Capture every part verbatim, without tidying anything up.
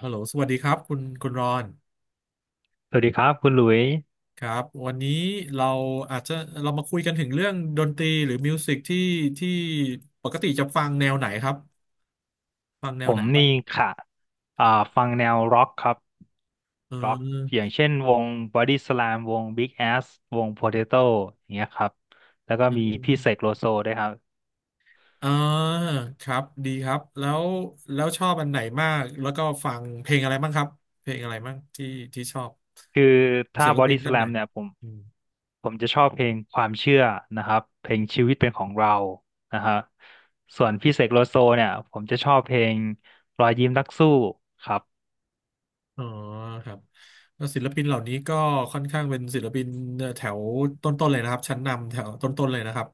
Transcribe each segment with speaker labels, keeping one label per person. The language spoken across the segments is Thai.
Speaker 1: ฮัลโหลสวัสดีครับคุณคุณรอน
Speaker 2: สวัสดีครับคุณหลุย
Speaker 1: ครับวันนี้เราอาจจะเรามาคุยกันถึงเรื่องดนตรีหรือมิวสิกที่ที่ปกติจะฟังแนวไหนครับฟังแน
Speaker 2: ผ
Speaker 1: วไหน
Speaker 2: ม
Speaker 1: บ้าง
Speaker 2: นี่ค่ะอ่าฟังแนวร็อกครับ
Speaker 1: เ
Speaker 2: ร็อกอ
Speaker 1: ออ
Speaker 2: ย่างเช่นวง Body Slam วง Big Ass วง Potato อย่างเงี้ยครับแล้วก็
Speaker 1: เ
Speaker 2: มีพี่เสก
Speaker 1: ออ
Speaker 2: โลโซด้วยครับ
Speaker 1: อ่าครับดีครับแล้วแล้วชอบอันไหนมากแล้วก็ฟังเพลงอะไรบ้างครับเพลงอะไรบ้างที่ที่ชอบ
Speaker 2: คือ
Speaker 1: ของ
Speaker 2: ถ้า
Speaker 1: ศิลปิ
Speaker 2: Body
Speaker 1: นท่านไหน
Speaker 2: Slam เนี่ยผมผมจะชอบเพลงความเชื่อนะครับเพลงชีวิตเป็นของเรานะฮะส่วนพี่เสกโลโซเนี่ยผมจะชอบเพลงรอยยิ้มนักสู้ครับ
Speaker 1: อ๋อครับแล้วศิลปินเหล่านี้ก็ค่อนข้างเป็นศิลปินแถวต้นๆเลยนะครับชั้นนำแถวต้นๆเลยนะครับ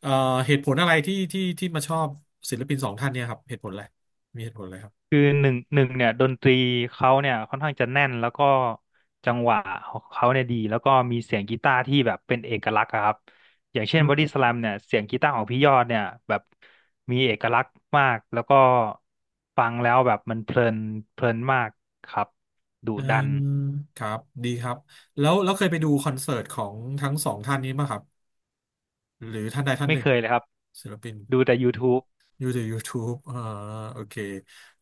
Speaker 1: เอ่อเหตุผลอะไรที่ที่ที่มาชอบศิลปินสองท่านเนี่ยครับเหตุผลอะไรมีเหตุผลอะไรครับ
Speaker 2: คือหนึ่งหนึ่งเนี่ยดนตรีเขาเนี่ยค่อนข้างจะแน่นแล้วก็จังหวะของเขาเนี่ยดีแล้วก็มีเสียงกีตาร์ที่แบบเป็นเอกลักษณ์อะครับอย่างเช่นบอดี้สแลมเนี่ยเสียงกีตาร์ของพี่ยอดเนี่ยแบบมีเอกลักษณ์มากแล้วก็ฟังแล้วแบบมันเพลินเพลินมากครับดุ
Speaker 1: อื
Speaker 2: ดัน
Speaker 1: มครับดีครับแล้วแล้วเคยไปดูคอนเสิร์ตของทั้งสองท่านนี้มั้ยครับหรือท่านใดท่าน
Speaker 2: ไม่
Speaker 1: หนึ่ง
Speaker 2: เคยเลยครับ
Speaker 1: ศิลปิน
Speaker 2: ดูแต่ YouTube
Speaker 1: ดูจาก YouTube อ่าโอเค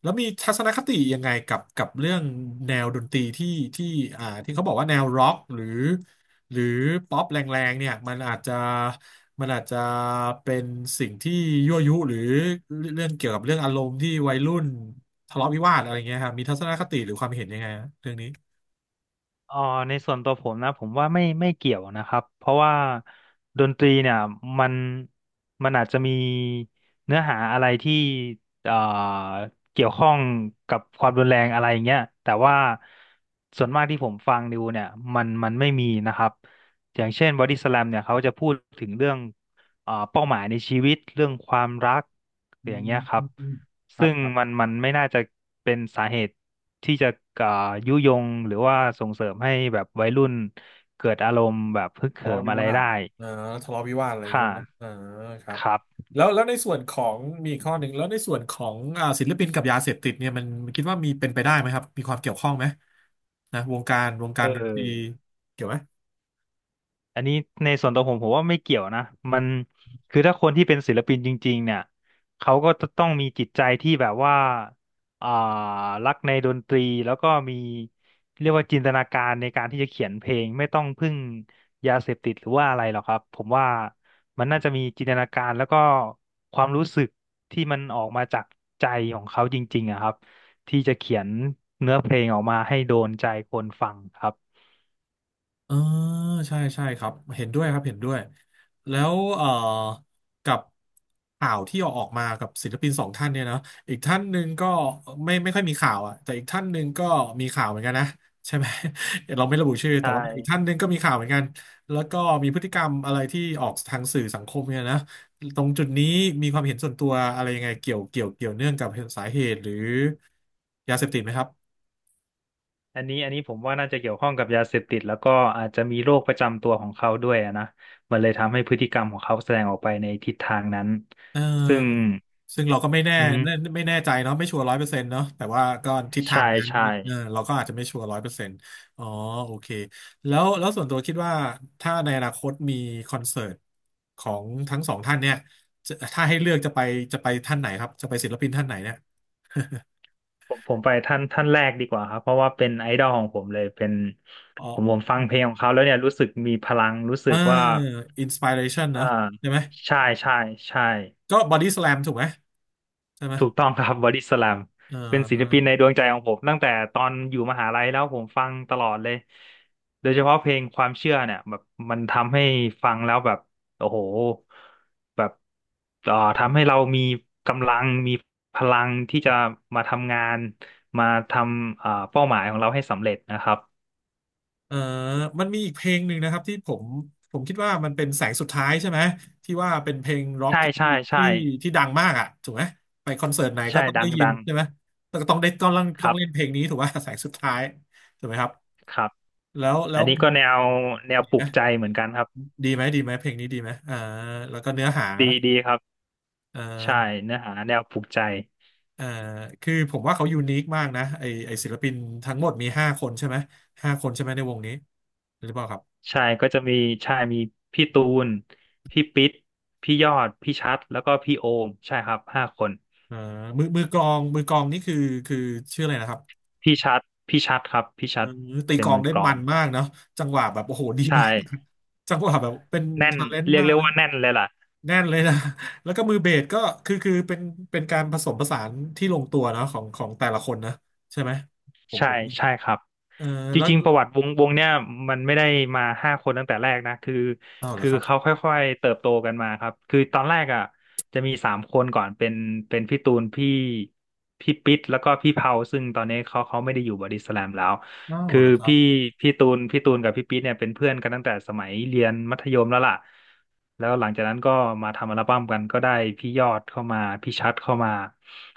Speaker 1: แล้วมีทัศนคติยังไงกับกับเรื่องแนวดนตรีที่ที่อ่าที่เขาบอกว่าแนวร็อกหรือหรือป๊อปแรงๆเนี่ยมันอาจจะมันอาจจะเป็นสิ่งที่ยั่วยุหรือเรื่องเกี่ยวกับเรื่องอารมณ์ที่วัยรุ่นทะเลาะวิวาทอะไรเงี้ยครับมีทัศนคติหรือความเห็นยังไงฮะเรื่องนี้
Speaker 2: เอ่อในส่วนตัวผมนะผมว่าไม่ไม่เกี่ยวนะครับเพราะว่าดนตรีเนี่ยมันมันอาจจะมีเนื้อหาอะไรที่เอ่อเกี่ยวข้องกับความรุนแรงอะไรอย่างเงี้ยแต่ว่าส่วนมากที่ผมฟังดูเนี่ยมันมันไม่มีนะครับอย่างเช่นบอดี้สแลมเนี่ยเขาจะพูดถึงเรื่องเอ่อเป้าหมายในชีวิตเรื่องความรัก
Speaker 1: อื
Speaker 2: อย่างเงี้ยครับ
Speaker 1: มครั
Speaker 2: ซึ่
Speaker 1: บ
Speaker 2: ง
Speaker 1: ครับ
Speaker 2: มันมันไม่น่าจะเป็นสาเหตุที่จะอ่ายุยงหรือว่าส่งเสริมให้แบบวัยรุ่นเกิดอารมณ์แบบฮึก
Speaker 1: ทะ
Speaker 2: เหิ
Speaker 1: เลาะ
Speaker 2: ม
Speaker 1: วิ
Speaker 2: อะไร
Speaker 1: วาท
Speaker 2: ได้
Speaker 1: เออทะเลาะวิวาทอะไรอย่างเงี้
Speaker 2: ค่ะ
Speaker 1: ยนะเออครับ
Speaker 2: ครับ
Speaker 1: แล้วแล้วในส่วนของมีอีกข้อหนึ่งแล้วในส่วนของอ่าศิลปินกับยาเสพติดเนี่ยมันมันคิดว่ามีเป็นไปได้ไหมครับมีความเกี่ยวข้องไหมนะวงการวงกา
Speaker 2: เอ
Speaker 1: รดนตรี
Speaker 2: อ
Speaker 1: เกี่ยวไหม
Speaker 2: อันนี้ในส่วนตัวผมผมว่าไม่เกี่ยวนะมันคือถ้าคนที่เป็นศิลปินจริงๆเนี่ยเขาก็จะต้องมีจิตใจที่แบบว่าอ่ารักในดนตรีแล้วก็มีเรียกว่าจินตนาการในการที่จะเขียนเพลงไม่ต้องพึ่งยาเสพติดหรือว่าอะไรหรอกครับผมว่ามันน่าจะมีจินตนาการแล้วก็ความรู้สึกที่มันออกมาจากใจของเขาจริงๆอะครับที่จะเขียนเนื้อเพลงออกมาให้โดนใจคนฟังครับ
Speaker 1: เออใช่ใช่ครับเห็นด้วยครับเห็นด้วยแล้วเอ่อกับข่าวที่ออกมากับศิลปินสองท่านเนี่ยนะอีกท่านหนึ่งก็ไม่ไม่ค่อยมีข่าวอ่ะแต่อีกท่านหนึ่งก็มีข่าวเหมือนกันนะใช่ไหม เราไม่ระบุชื่อแต่
Speaker 2: ใช่
Speaker 1: ว่าอีกท่านหนึ่งก็มีข่าวเหมือนกันแล้วก็มีพฤติกรรมอะไรที่ออกทางสื่อสังคมเนี่ยนะตรงจุดนี้มีความเห็นส่วนตัวอะไรยังไงเกี่ยวเกี่ยวเกี่ยวเนื่องกับสาเหตุหรือยาเสพติดไหมครับ
Speaker 2: อันนี้อันนี้ผมว่าน่าจะเกี่ยวข้องกับยาเสพติดแล้วก็อาจจะมีโรคประจำตัวของเขาด้วยอะนะมันเลยทำให้พฤติกรรมของเขาแสดงออกไปในทิศทางนั้น
Speaker 1: เ
Speaker 2: ซึ่ง
Speaker 1: ออซึ่งเราก็ไม่แน่
Speaker 2: อื
Speaker 1: ไม่
Speaker 2: ม
Speaker 1: ไม่แน่ใจเนาะไม่ชัวร์ร้อยเปอร์เซ็นต์เนาะแต่ว่าก็ทิศทา
Speaker 2: ใช่
Speaker 1: งนั้น
Speaker 2: ใช่
Speaker 1: เออเราก็อาจจะไม่ชัวร์ร้อยเปอร์เซ็นต์อ๋อโอเคแล้วแล้วส่วนตัวคิดว่าถ้าในอนาคตมีคอนเสิร์ตของทั้งสองท่านเนี่ยจะถ้าให้เลือกจะไปจะไปท่านไหนครับจะไปศิลปินท่านไหนเนี่ย
Speaker 2: ผมผมไปท่านท่านแรกดีกว่าครับเพราะว่าเป็นไอดอลของผมเลยเป็น
Speaker 1: อ๋อ
Speaker 2: ผมผมฟังเพลงของเขาแล้วเนี่ยรู้สึกมีพลังรู้สึ
Speaker 1: เออ
Speaker 2: กว่า
Speaker 1: อินสปิเรชัน
Speaker 2: เอ่อ
Speaker 1: เนาะใช่ไหม
Speaker 2: ใช่ใช่ใช่
Speaker 1: ก็บอดี้ส a ลมถูกไหมใช่ไหม
Speaker 2: ถูกต้องครับบอดี้สแลม
Speaker 1: เอ
Speaker 2: เป็นศิลปินใน
Speaker 1: อ
Speaker 2: ดวงใจของผมตั้งแต่ตอนอยู่มหาลัยแล้วผมฟังตลอดเลยโดยเฉพาะเพลงความเชื่อเนี่ยแบบมันทำให้ฟังแล้วแบบโอ้โหแบบเอ่อทำให้เรามีกำลังมีพลังที่จะมาทำงานมาทำเอ่อเป้าหมายของเราให้สำเร็จนะครับ
Speaker 1: เอ่อมันมีอีกเพลงหนึ่งนะครับที่ผมผมคิดว่ามันเป็นแสงสุดท้ายใช่ไหมที่ว่าเป็นเพลงร็อก
Speaker 2: ใช่
Speaker 1: ที่
Speaker 2: ใช่ใช่
Speaker 1: ที่ที่ดังมากอ่ะถูกไหมไปคอนเสิร์ตไหนก็
Speaker 2: ใช่
Speaker 1: ต้อง
Speaker 2: ดั
Speaker 1: ได้
Speaker 2: ง
Speaker 1: ยิน
Speaker 2: ดัง
Speaker 1: ใช่ไหมแต่ก็ต้องได้ต้อง
Speaker 2: ค
Speaker 1: ต้อ
Speaker 2: รั
Speaker 1: งเล่น
Speaker 2: บ
Speaker 1: เพลงนี้ถูกว่า แสงสุดท้ายถูกไหมครับ
Speaker 2: ครับ
Speaker 1: แล้วแล้
Speaker 2: อัน
Speaker 1: ว
Speaker 2: นี้ก็แนวแนว
Speaker 1: ดี
Speaker 2: ป
Speaker 1: ไห
Speaker 2: ลุ
Speaker 1: ม
Speaker 2: กใจเหมือนกันครับ
Speaker 1: ดีไหมดีไหมเพลงนี้ดีไหมเอ่อแล้วก็เนื้อหา
Speaker 2: ดีดีครับ
Speaker 1: เอ่อ
Speaker 2: ใช่เนื้อหาแนวปลุกใจ
Speaker 1: เอ่อคือผมว่าเขายูนิคมากนะไอไอศิลปินทั้งหมดมีห้าคนใช่ไหมห้าคนใช่ไหมในวงนี้หรือเปล่าครับ
Speaker 2: ใช่ก็จะมีใช่มีพี่ตูนพี่ปิ๊ดพี่ยอดพี่ชัดแล้วก็พี่โอมใช่ครับห้าคน
Speaker 1: อ่ามือมือกลองมือกลองนี่คือคือชื่ออะไรนะครับ
Speaker 2: พี่ชัดพี่ชัดครับพี่
Speaker 1: เอ
Speaker 2: ชั
Speaker 1: อ
Speaker 2: ด
Speaker 1: ตี
Speaker 2: เป็
Speaker 1: ก
Speaker 2: น
Speaker 1: ลอง
Speaker 2: มือ
Speaker 1: ได้
Speaker 2: กลอ
Speaker 1: มั
Speaker 2: ง
Speaker 1: นมากเนาะจังหวะแบบโอ้โหดี
Speaker 2: ใช
Speaker 1: มาก
Speaker 2: ่
Speaker 1: จังหวะแบบเป็น
Speaker 2: แน่น
Speaker 1: ทาเลนต์
Speaker 2: เรียก
Speaker 1: มาก
Speaker 2: เรียก
Speaker 1: นะ
Speaker 2: ว่าแน่นเลยล่ะ
Speaker 1: แน่นเลยนะ แล้วก็มือเบสก็คือคือเป็นเป็นการผสมผสานที่ลงตัวเนาะของของแต่ละคนนะใช่ไหมผม
Speaker 2: ใช่
Speaker 1: ผม
Speaker 2: ใช่ครับ
Speaker 1: เออ
Speaker 2: จ
Speaker 1: แล้ว
Speaker 2: ริงๆประวัติวงวงเนี่ยมันไม่ได้มาห้าคนตั้งแต่แรกนะคือ
Speaker 1: อ้าวเหรอ
Speaker 2: คือ
Speaker 1: ครับ
Speaker 2: เขาค่อยๆเติบโตกันมาครับคือตอนแรกอ่ะจะมีสามคนก่อนเป็นเป็นพี่ตูนพี่พี่ปิ๊ดแล้วก็พี่เผาซึ่งตอนนี้เขาเขาไม่ได้อยู่บอดี้สแลมแล้ว
Speaker 1: อ้าว
Speaker 2: คือ
Speaker 1: เหรอครับ
Speaker 2: พี่พี่ตูนพี่ตูนกับพี่ปิ๊ดเนี่ยเป็นเพื่อนกันตั้งแต่สมัยเรียนมัธยมแล้วล่ะแล้วหลังจากนั้นก็มาทำอัลบั้มกันก็ได้พี่ยอดเข้ามาพี่ชัดเข้ามา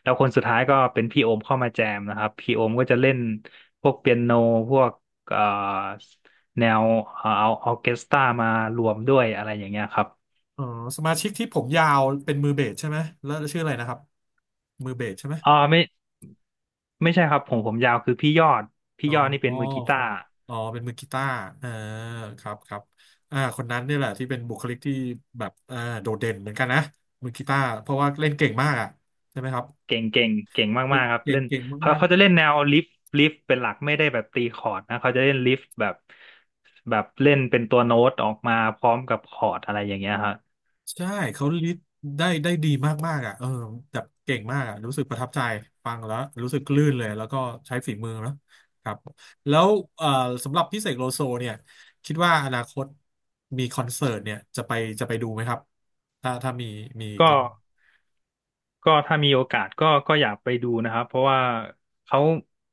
Speaker 2: แล้วคนสุดท้ายก็เป็นพี่โอมเข้ามาแจมนะครับพี่โอมก็จะเล่นพวกเปียโนพวกเอ่อแนวเอ่อเอาออร์เคสตรามารวมด้วยอะไรอย่างเงี้ยครับ
Speaker 1: อ๋อสมาชิกที่ผมยาวเป็นมือเบสใช่ไหมแล้วชื่ออะไรนะครับมือเบสใช่ไหม
Speaker 2: อ๋อไม่ไม่ใช่ครับผมผมยาวคือพี่ยอดพี่
Speaker 1: อ๋อ
Speaker 2: ยอดนี่เป็นมือกี
Speaker 1: ค
Speaker 2: ตา
Speaker 1: รับ
Speaker 2: ร์
Speaker 1: อ๋อเป็นมือกีตาร์เออครับครับอ่าคนนั้นเนี่ยแหละที่เป็นบุคลิกที่แบบอ่าโดดเด่นเหมือนกันนะ มือกีตาร์เพราะว่าเล่นเก่งมากอ่ะใช่ไหมครับ
Speaker 2: เก่งเก่งเก่ง
Speaker 1: เก่ง
Speaker 2: มากๆครับ
Speaker 1: เก่ง
Speaker 2: เล่น
Speaker 1: เก่ง
Speaker 2: เขา
Speaker 1: มาก
Speaker 2: เขาจะเล่นแนวลิฟลิฟเป็นหลักไม่ได้แบบตีคอร์ดนะเขาจะเล่นลิฟแบบแบบเล่นเป็นตัวโน้ตออกมาพร้อมกับคอร์ดอะไรอย่างเงี้ยครับ
Speaker 1: ๆใช่เขาลิดได้ได้ดีมากๆอ่ะเออแบบเก่งมากอ่ะรู้สึกประทับใจฟังแล้วรู้สึกลื่นเลย แล้วก็ใช้ฝีมือนะครับ แล้วเอ่อสำหรับพี่เสกโลโซเนี่ยคิดว่าอนาคตมีคอนเสิร์ตเนี่ยจะไปจะไปดูไหมครับ ถ้าถ้ามีมี
Speaker 2: ก็ ก็ถ้ามีโอกาสก็ก็อยากไปดูนะครับเพราะว่าเขา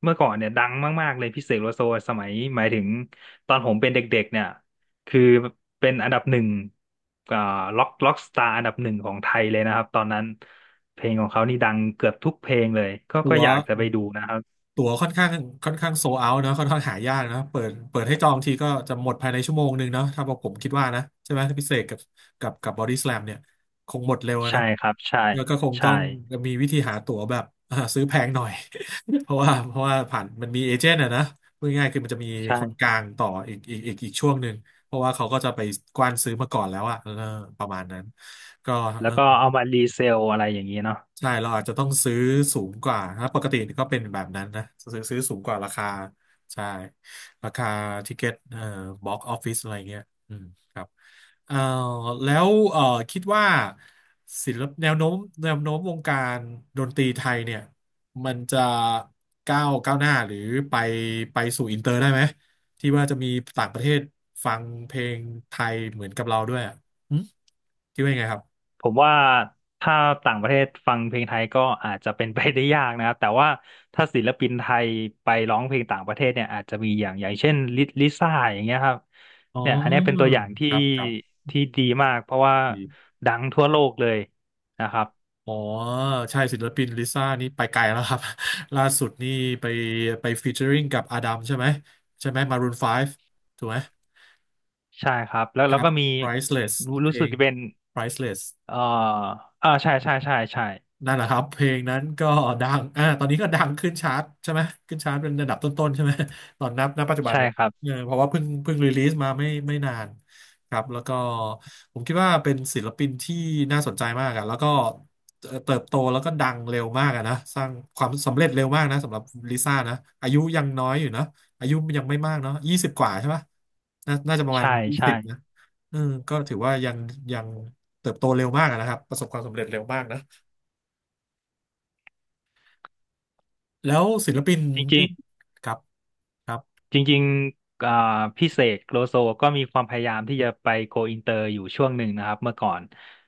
Speaker 2: เมื่อก่อนเนี่ยดังมากๆเลยพี่เสกโลโซสมัยหมายถึงตอนผมเป็นเด็กๆเนี่ยคือเป็นอันดับหนึ่งอ่าล็อกล็อกสตาร์อันดับหนึ่งของไทยเลยนะครับตอนนั้นเพลงของเขานี่ดังเกือบทุกเพลงเลยก็
Speaker 1: ตั๋
Speaker 2: ก็
Speaker 1: ว
Speaker 2: อยากจะไปดูนะครับ
Speaker 1: ตั๋วค่อนข้างค่อนข้างโซเอาเนาะค่อนข้างหายากเนาะเปิดเปิดให้จองทีก็จะหมดภายในชั่วโมงหนึ่งเนาะถ้าบอกผมคิดว่านะใช่ไหมถ้าพิเศษกับกับกับบอดี้สแลมเนี่ยคงหมดเร็วอะนะ
Speaker 2: ใช่ครับใช่
Speaker 1: แล้วก็คงต้
Speaker 2: ใช่
Speaker 1: องมีวิธีหาตั๋วแบบ อ่าซื้อแพงหน่อย เพราะว่าเพราะว่าผ่านมันมีเอเจนต์อะนะพูดง่ายๆคือมันจะมีคนก
Speaker 2: ใช่
Speaker 1: ลางต่ออีกอีกอีกอีกช่วงหนึ่งเพราะว่าเขาก็จะไปกว้านซื้อมาก่อนแล้วอะเออประมาณนั้นก็
Speaker 2: แล้วก็เอามารีเซลอะไรอย่างนี้เนาะ
Speaker 1: ใช่เราอาจจะต้องซื้อสูงกว่าถ้าปกติก็เป็นแบบนั้นนะซื้อซื้อสูงกว่าราคาใช่ราคาทิเก็ตเอ่อบ็อกออฟฟิศอะไรเงี้ยอืมครับเอ่อแล้วเอ่อคิดว่าศิลปแนวโน้มแนวโน้มวงการดนตรีไทยเนี่ยมันจะก้าวก้าวหน้าหรือไปไปสู่อินเตอร์ได้ไหมที่ว่าจะมีต่างประเทศฟังเพลงไทยเหมือนกับเราด้วยอ่ะหึคิดว่ายังไงครับ
Speaker 2: ผมว่าถ้าต่างประเทศฟังเพลงไทยก็อาจจะเป็นไปได้ยากนะครับ แต่ว่าถ้าศิลปินไทยไปร้องเพลงต่างประเทศเนี่ยอาจจะมีอย่างอย่างเช่นลิลิซ่าอย่างเงี้ยครับ
Speaker 1: อ๋อ
Speaker 2: เนี่ยอันเนี้ยเป็นตัวอย่างที่
Speaker 1: ครับครับ
Speaker 2: ที่ดีมากเพราะว่า
Speaker 1: ดี
Speaker 2: ดังทั่วโลกเลยนะครับ
Speaker 1: อ๋อใช่ศิลปินลิซ่านี่ไปไกลแล้วครับ ล่าสุดนี่ไปไปฟีเจอริงกับอาดัมใช่ไหมใช่ไหมมารูนไฟว์ถูกไหม
Speaker 2: ใช่ครับแล้ว
Speaker 1: ค
Speaker 2: แล้ว
Speaker 1: รับ
Speaker 2: ก็มี
Speaker 1: Priceless
Speaker 2: รู้
Speaker 1: เพ
Speaker 2: รู้
Speaker 1: ล
Speaker 2: สึก
Speaker 1: ง
Speaker 2: จะเป็น
Speaker 1: ไพรซ์เลส
Speaker 2: เอ่ออ่าใช่ใช่ใช่ใช่
Speaker 1: นั่นแหละครับเพลงนั้นก็ดังอ่าตอนนี้ก็ดังขึ้นชาร์ตใช่ไหมขึ้นชาร์ตเป็นระดับต้นๆใช่ไหม ตอนนับณปัจจุบัน
Speaker 2: ใช่
Speaker 1: เนี่ย
Speaker 2: ครับ
Speaker 1: เออเพราะว่าเพิ่งเพิ่งรีลีสมาไม่ไม่นานครับแล้วก็ผมคิดว่าเป็นศิลปินที่น่าสนใจมากอะแล้วก็เอ่อเติบโตแล้วก็ดังเร็วมากอะนะสร้างความสำเร็จเร็วมากนะสำหรับลิซ่านะอายุยังน้อยอยู่นะอายุยังไม่มากเนาะยี่สิบกว่าใช่ปะน่าน่าจะประมาณ
Speaker 2: ใช่
Speaker 1: ยี่
Speaker 2: ใช่
Speaker 1: สิบนะเออก็ถือว่ายังยังเติบโตเร็วมากอะนะครับประสบความสำเร็จเร็วมากนะ แล้วศิลปิน
Speaker 2: จริ
Speaker 1: ที่
Speaker 2: ง
Speaker 1: ครับครับ
Speaker 2: จริงๆอ่าพี่เสกโลโซก็มีความพยายามที่จะไปโกอินเตอร์อยู่ช่วงหนึ่งนะครับเมื่อก่อน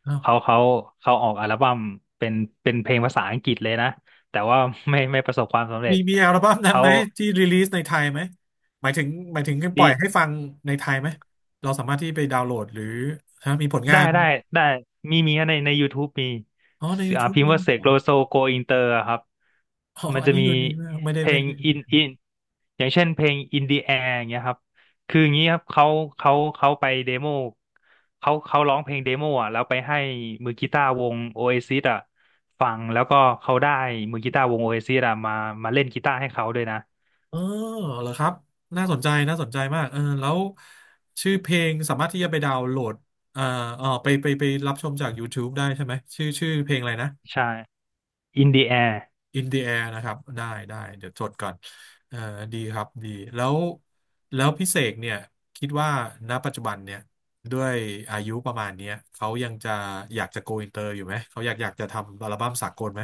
Speaker 1: อ้าว
Speaker 2: เขาเขาเขาออกอัลบั้มเป็นเป็นเพลงภาษาอังกฤษเลยนะแต่ว่าไม่ไม่ประสบความสำเร็
Speaker 1: มี
Speaker 2: จ
Speaker 1: มีอัลบั้มนั้น
Speaker 2: เขา
Speaker 1: ไหมที่รีลีสในไทยไหมหมายถึงหมายถึงปล่
Speaker 2: ดี
Speaker 1: อยให้ฟังในไทยไหมเราสามารถที่ไปดาวน์โหลดหรือฮะมีผลงา
Speaker 2: ได้
Speaker 1: น
Speaker 2: ได้ได้มีมีในใน ยูทูบ มี
Speaker 1: อ๋อใน
Speaker 2: อ่า
Speaker 1: YouTube
Speaker 2: พิมพ์
Speaker 1: มี
Speaker 2: ว่าเส
Speaker 1: เห
Speaker 2: ก
Speaker 1: รอ
Speaker 2: โลโซโกอินเตอร์ครับ
Speaker 1: อ๋อ
Speaker 2: มัน
Speaker 1: อัน
Speaker 2: จะ
Speaker 1: นี้
Speaker 2: มี
Speaker 1: ยูนีมากไม่ได้
Speaker 2: เพล
Speaker 1: ไม่
Speaker 2: ง
Speaker 1: ได้
Speaker 2: อิ
Speaker 1: ไม่
Speaker 2: น
Speaker 1: ได้
Speaker 2: อินอย่างเช่นเพลง In the Air อย่างเงี้ยครับคืออย่างงี้ครับเขาเขาเขาไปเดโมเขาเขาร้องเพลงเดโมอ่ะแล้วไปให้มือกีตาร์วง Oasis อ่ะฟังแล้วก็เขาได้มือกีตาร์วง Oasis อ่ะมามาเล่นกีตาร์ให้เขาด้วยนะ
Speaker 1: เออเหรอครับน่าสนใจน่าสนใจมากเออแล้วชื่อเพลงสามารถที่จะไปดาวน์โหลดเอ่อเออไปไปไปรับชมจาก YouTube ได้ใช่ไหมชื่อชื่อเพลงอะไรนะ
Speaker 2: ใช่ In the Air
Speaker 1: อิน เดอะ แอร์ นะครับได้ได้เดี๋ยวจดก่อนเออดีครับดีแล้วแล้วพี่เสกเนี่ยคิดว่าณปัจจุบันเนี่ยด้วยอายุประมาณเนี้ยเขายังจะอยากจะ โกอินเตอร์ อยู่ไหมเขาอยากอยากจะทำอัลบั้มสากลไหม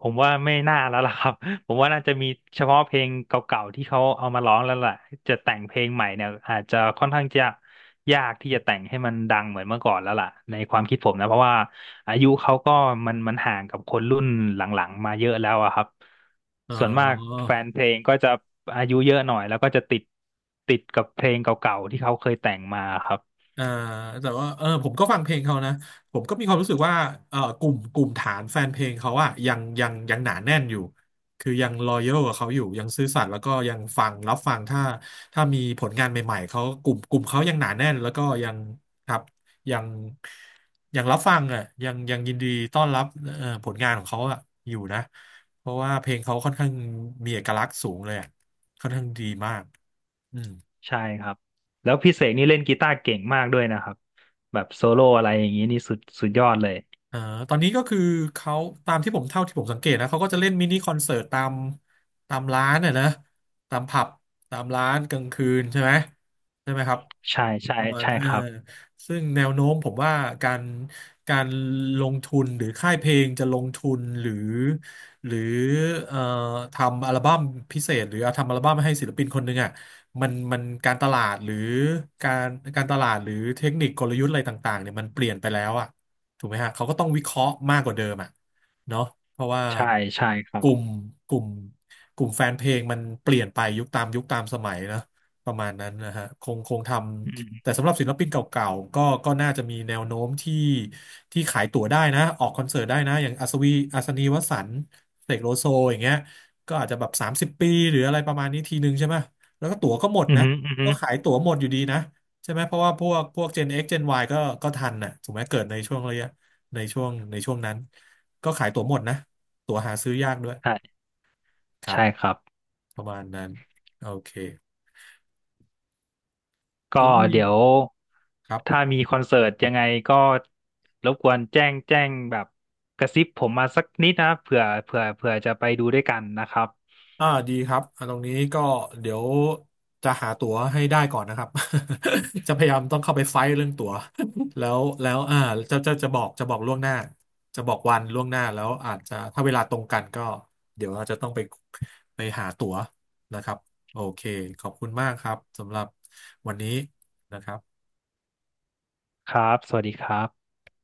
Speaker 2: ผมว่าไม่น่าแล้วล่ะครับ ผมว่าน่าจะมีเฉพาะเพลงเก่าๆที่เขาเอามาร้องแล้วล่ะจะแต่งเพลงใหม่เนี่ยอาจจะค่อนข้างจะยากที่จะแต่งให้มันดังเหมือนเมื่อก่อนแล้วล่ะในความคิดผมนะเพราะว่าอายุเขาก็มันมันห่างกับคนรุ่นหลังๆมาเยอะแล้วอะครับ
Speaker 1: เอ
Speaker 2: ส่วนมากแฟน
Speaker 1: อ
Speaker 2: เพลงก็จะอายุเยอะหน่อยแล้วก็จะติดติดกับเพลงเก่าๆที่เขาเคยแต่งมาครับ
Speaker 1: เอ่อแต่ว่าเออผมก็ฟังเพลงเขานะผมก็มีความรู้สึกว่าเออกลุ่มกลุ่มฐานแฟนเพลงเขาอะยังยังยังหนาแน่นอยู่คือยังรอยัลกับเขาอยู่ยังซื่อสัตย์แล้วก็ยังฟังรับฟังถ้าถ้ามีผลงานใหม่ๆเขากลุ่มกลุ่มเขายังหนาแน่นแล้วก็ยังครับยังยังรับฟังอะยังยังยินดีต้อนรับเอ่อผลงานของเขาอะอยู่นะเพราะว่าเพลงเขาค่อนข้างมีเอกลักษณ์สูงเลยอะค่อนข้างดีมากอืม
Speaker 2: ใช่ครับแล้วพี่เสกนี่เล่นกีตาร์เก่งมากด้วยนะครับแบบโซโล่อะไรอย่างนี้นี่สุดสุดยอดเลย
Speaker 1: อ่าตอนนี้ก็คือเขาตามที่ผมเท่าที่ผมสังเกตนะเขาก็จะเล่นมินิคอนเสิร์ตตามตามร้านน่ะนะตามผับตามร้านกลางคืนใช่ไหมใช่ไหมครับ
Speaker 2: ใช่ใช่
Speaker 1: ประมาณ
Speaker 2: ใช่
Speaker 1: เออ
Speaker 2: ครับ
Speaker 1: ซึ่งแนวโน้มผมว่าการการลงทุนหรือค่ายเพลงจะลงทุนหรือหรือเอ่อทำอัลบั้มพิเศษหรือเอาทำอัลบั้มให้ศิลปินคนหนึ่งอ่ะมันมันการตลาดหรือการการตลาดหรือเทคนิคกลยุทธ์อะไรต่างๆเนี่ยมันเปลี่ยนไปแล้วอ่ะ ถูกไหมฮะเขาก็ต้องวิเคราะห์มากกว่าเดิมอ่ะเนาะเพราะว่า
Speaker 2: ใช่ใช่ครั
Speaker 1: กลุ่ม
Speaker 2: บ
Speaker 1: กลุ่มกลุ่มแฟนเพลงมันเปลี่ยนไปยุคตามยุคตามสมัยนะประมาณนั้นนะฮะคงคงท
Speaker 2: อื
Speaker 1: ำ
Speaker 2: ม
Speaker 1: แต่สำหรับศิลปินเก่าๆก็ก็น่าจะมีแนวโน้มที่ที่ขายตั๋วได้นะออกคอนเสิร์ตได้นะอย่างอัศวีอัศนีวสันต์เสกโลโซอย่างเงี้ยก็อาจจะแบบสามสิบปีหรืออะไรประมาณนี้ทีนึงใช่ไหมแล้วก็ตั๋วก็หมด
Speaker 2: อืม
Speaker 1: นะ
Speaker 2: อืม
Speaker 1: ก็ขายตั๋วหมดอยู่ดีนะ ใช่ไหมเพราะว่าพวกพวก เจน เอ็กซ์ เจน วาย ก็ก็ทันน่ะถูกไหมเกิดในช่วงระยะในช่วงในช่วงนั้นก็ขายตั๋วหมดนะตั๋วหาซื้อยากด้วย
Speaker 2: ใช่
Speaker 1: ครับ
Speaker 2: ใช่ครับ
Speaker 1: ประมาณนั้นโอเคแล้
Speaker 2: ก็
Speaker 1: วมี
Speaker 2: เดี๋ยว
Speaker 1: ครั
Speaker 2: ถ้า
Speaker 1: บ
Speaker 2: มีคอนเสิร์ตยังไงก็รบกวนแจ้งแจ้งแบบกระซิบผมมาสักนิดนะเผื่อเผื่อเผื่อจะไปดูด้วยกันนะครับ
Speaker 1: อ่าดีครับอ่าตรงนี้ก็เดี๋ยวจะหาตั๋วให้ได้ก่อนนะครับ จะพยายามต้องเข้าไปไฟท์เรื่องตั๋วแล้วแล้วอ่าจะจะจะบอกจะบอกล่วงหน้าจะบอกวันล่วงหน้าแล้วอาจจะถ้าเวลาตรงกันก็เดี๋ยวเราจะต้องไปไปหาตั๋วนะครับโอเคขอบคุณมากครับสำหรับวันนี้นะครับ
Speaker 2: ครับสวัสดีครับ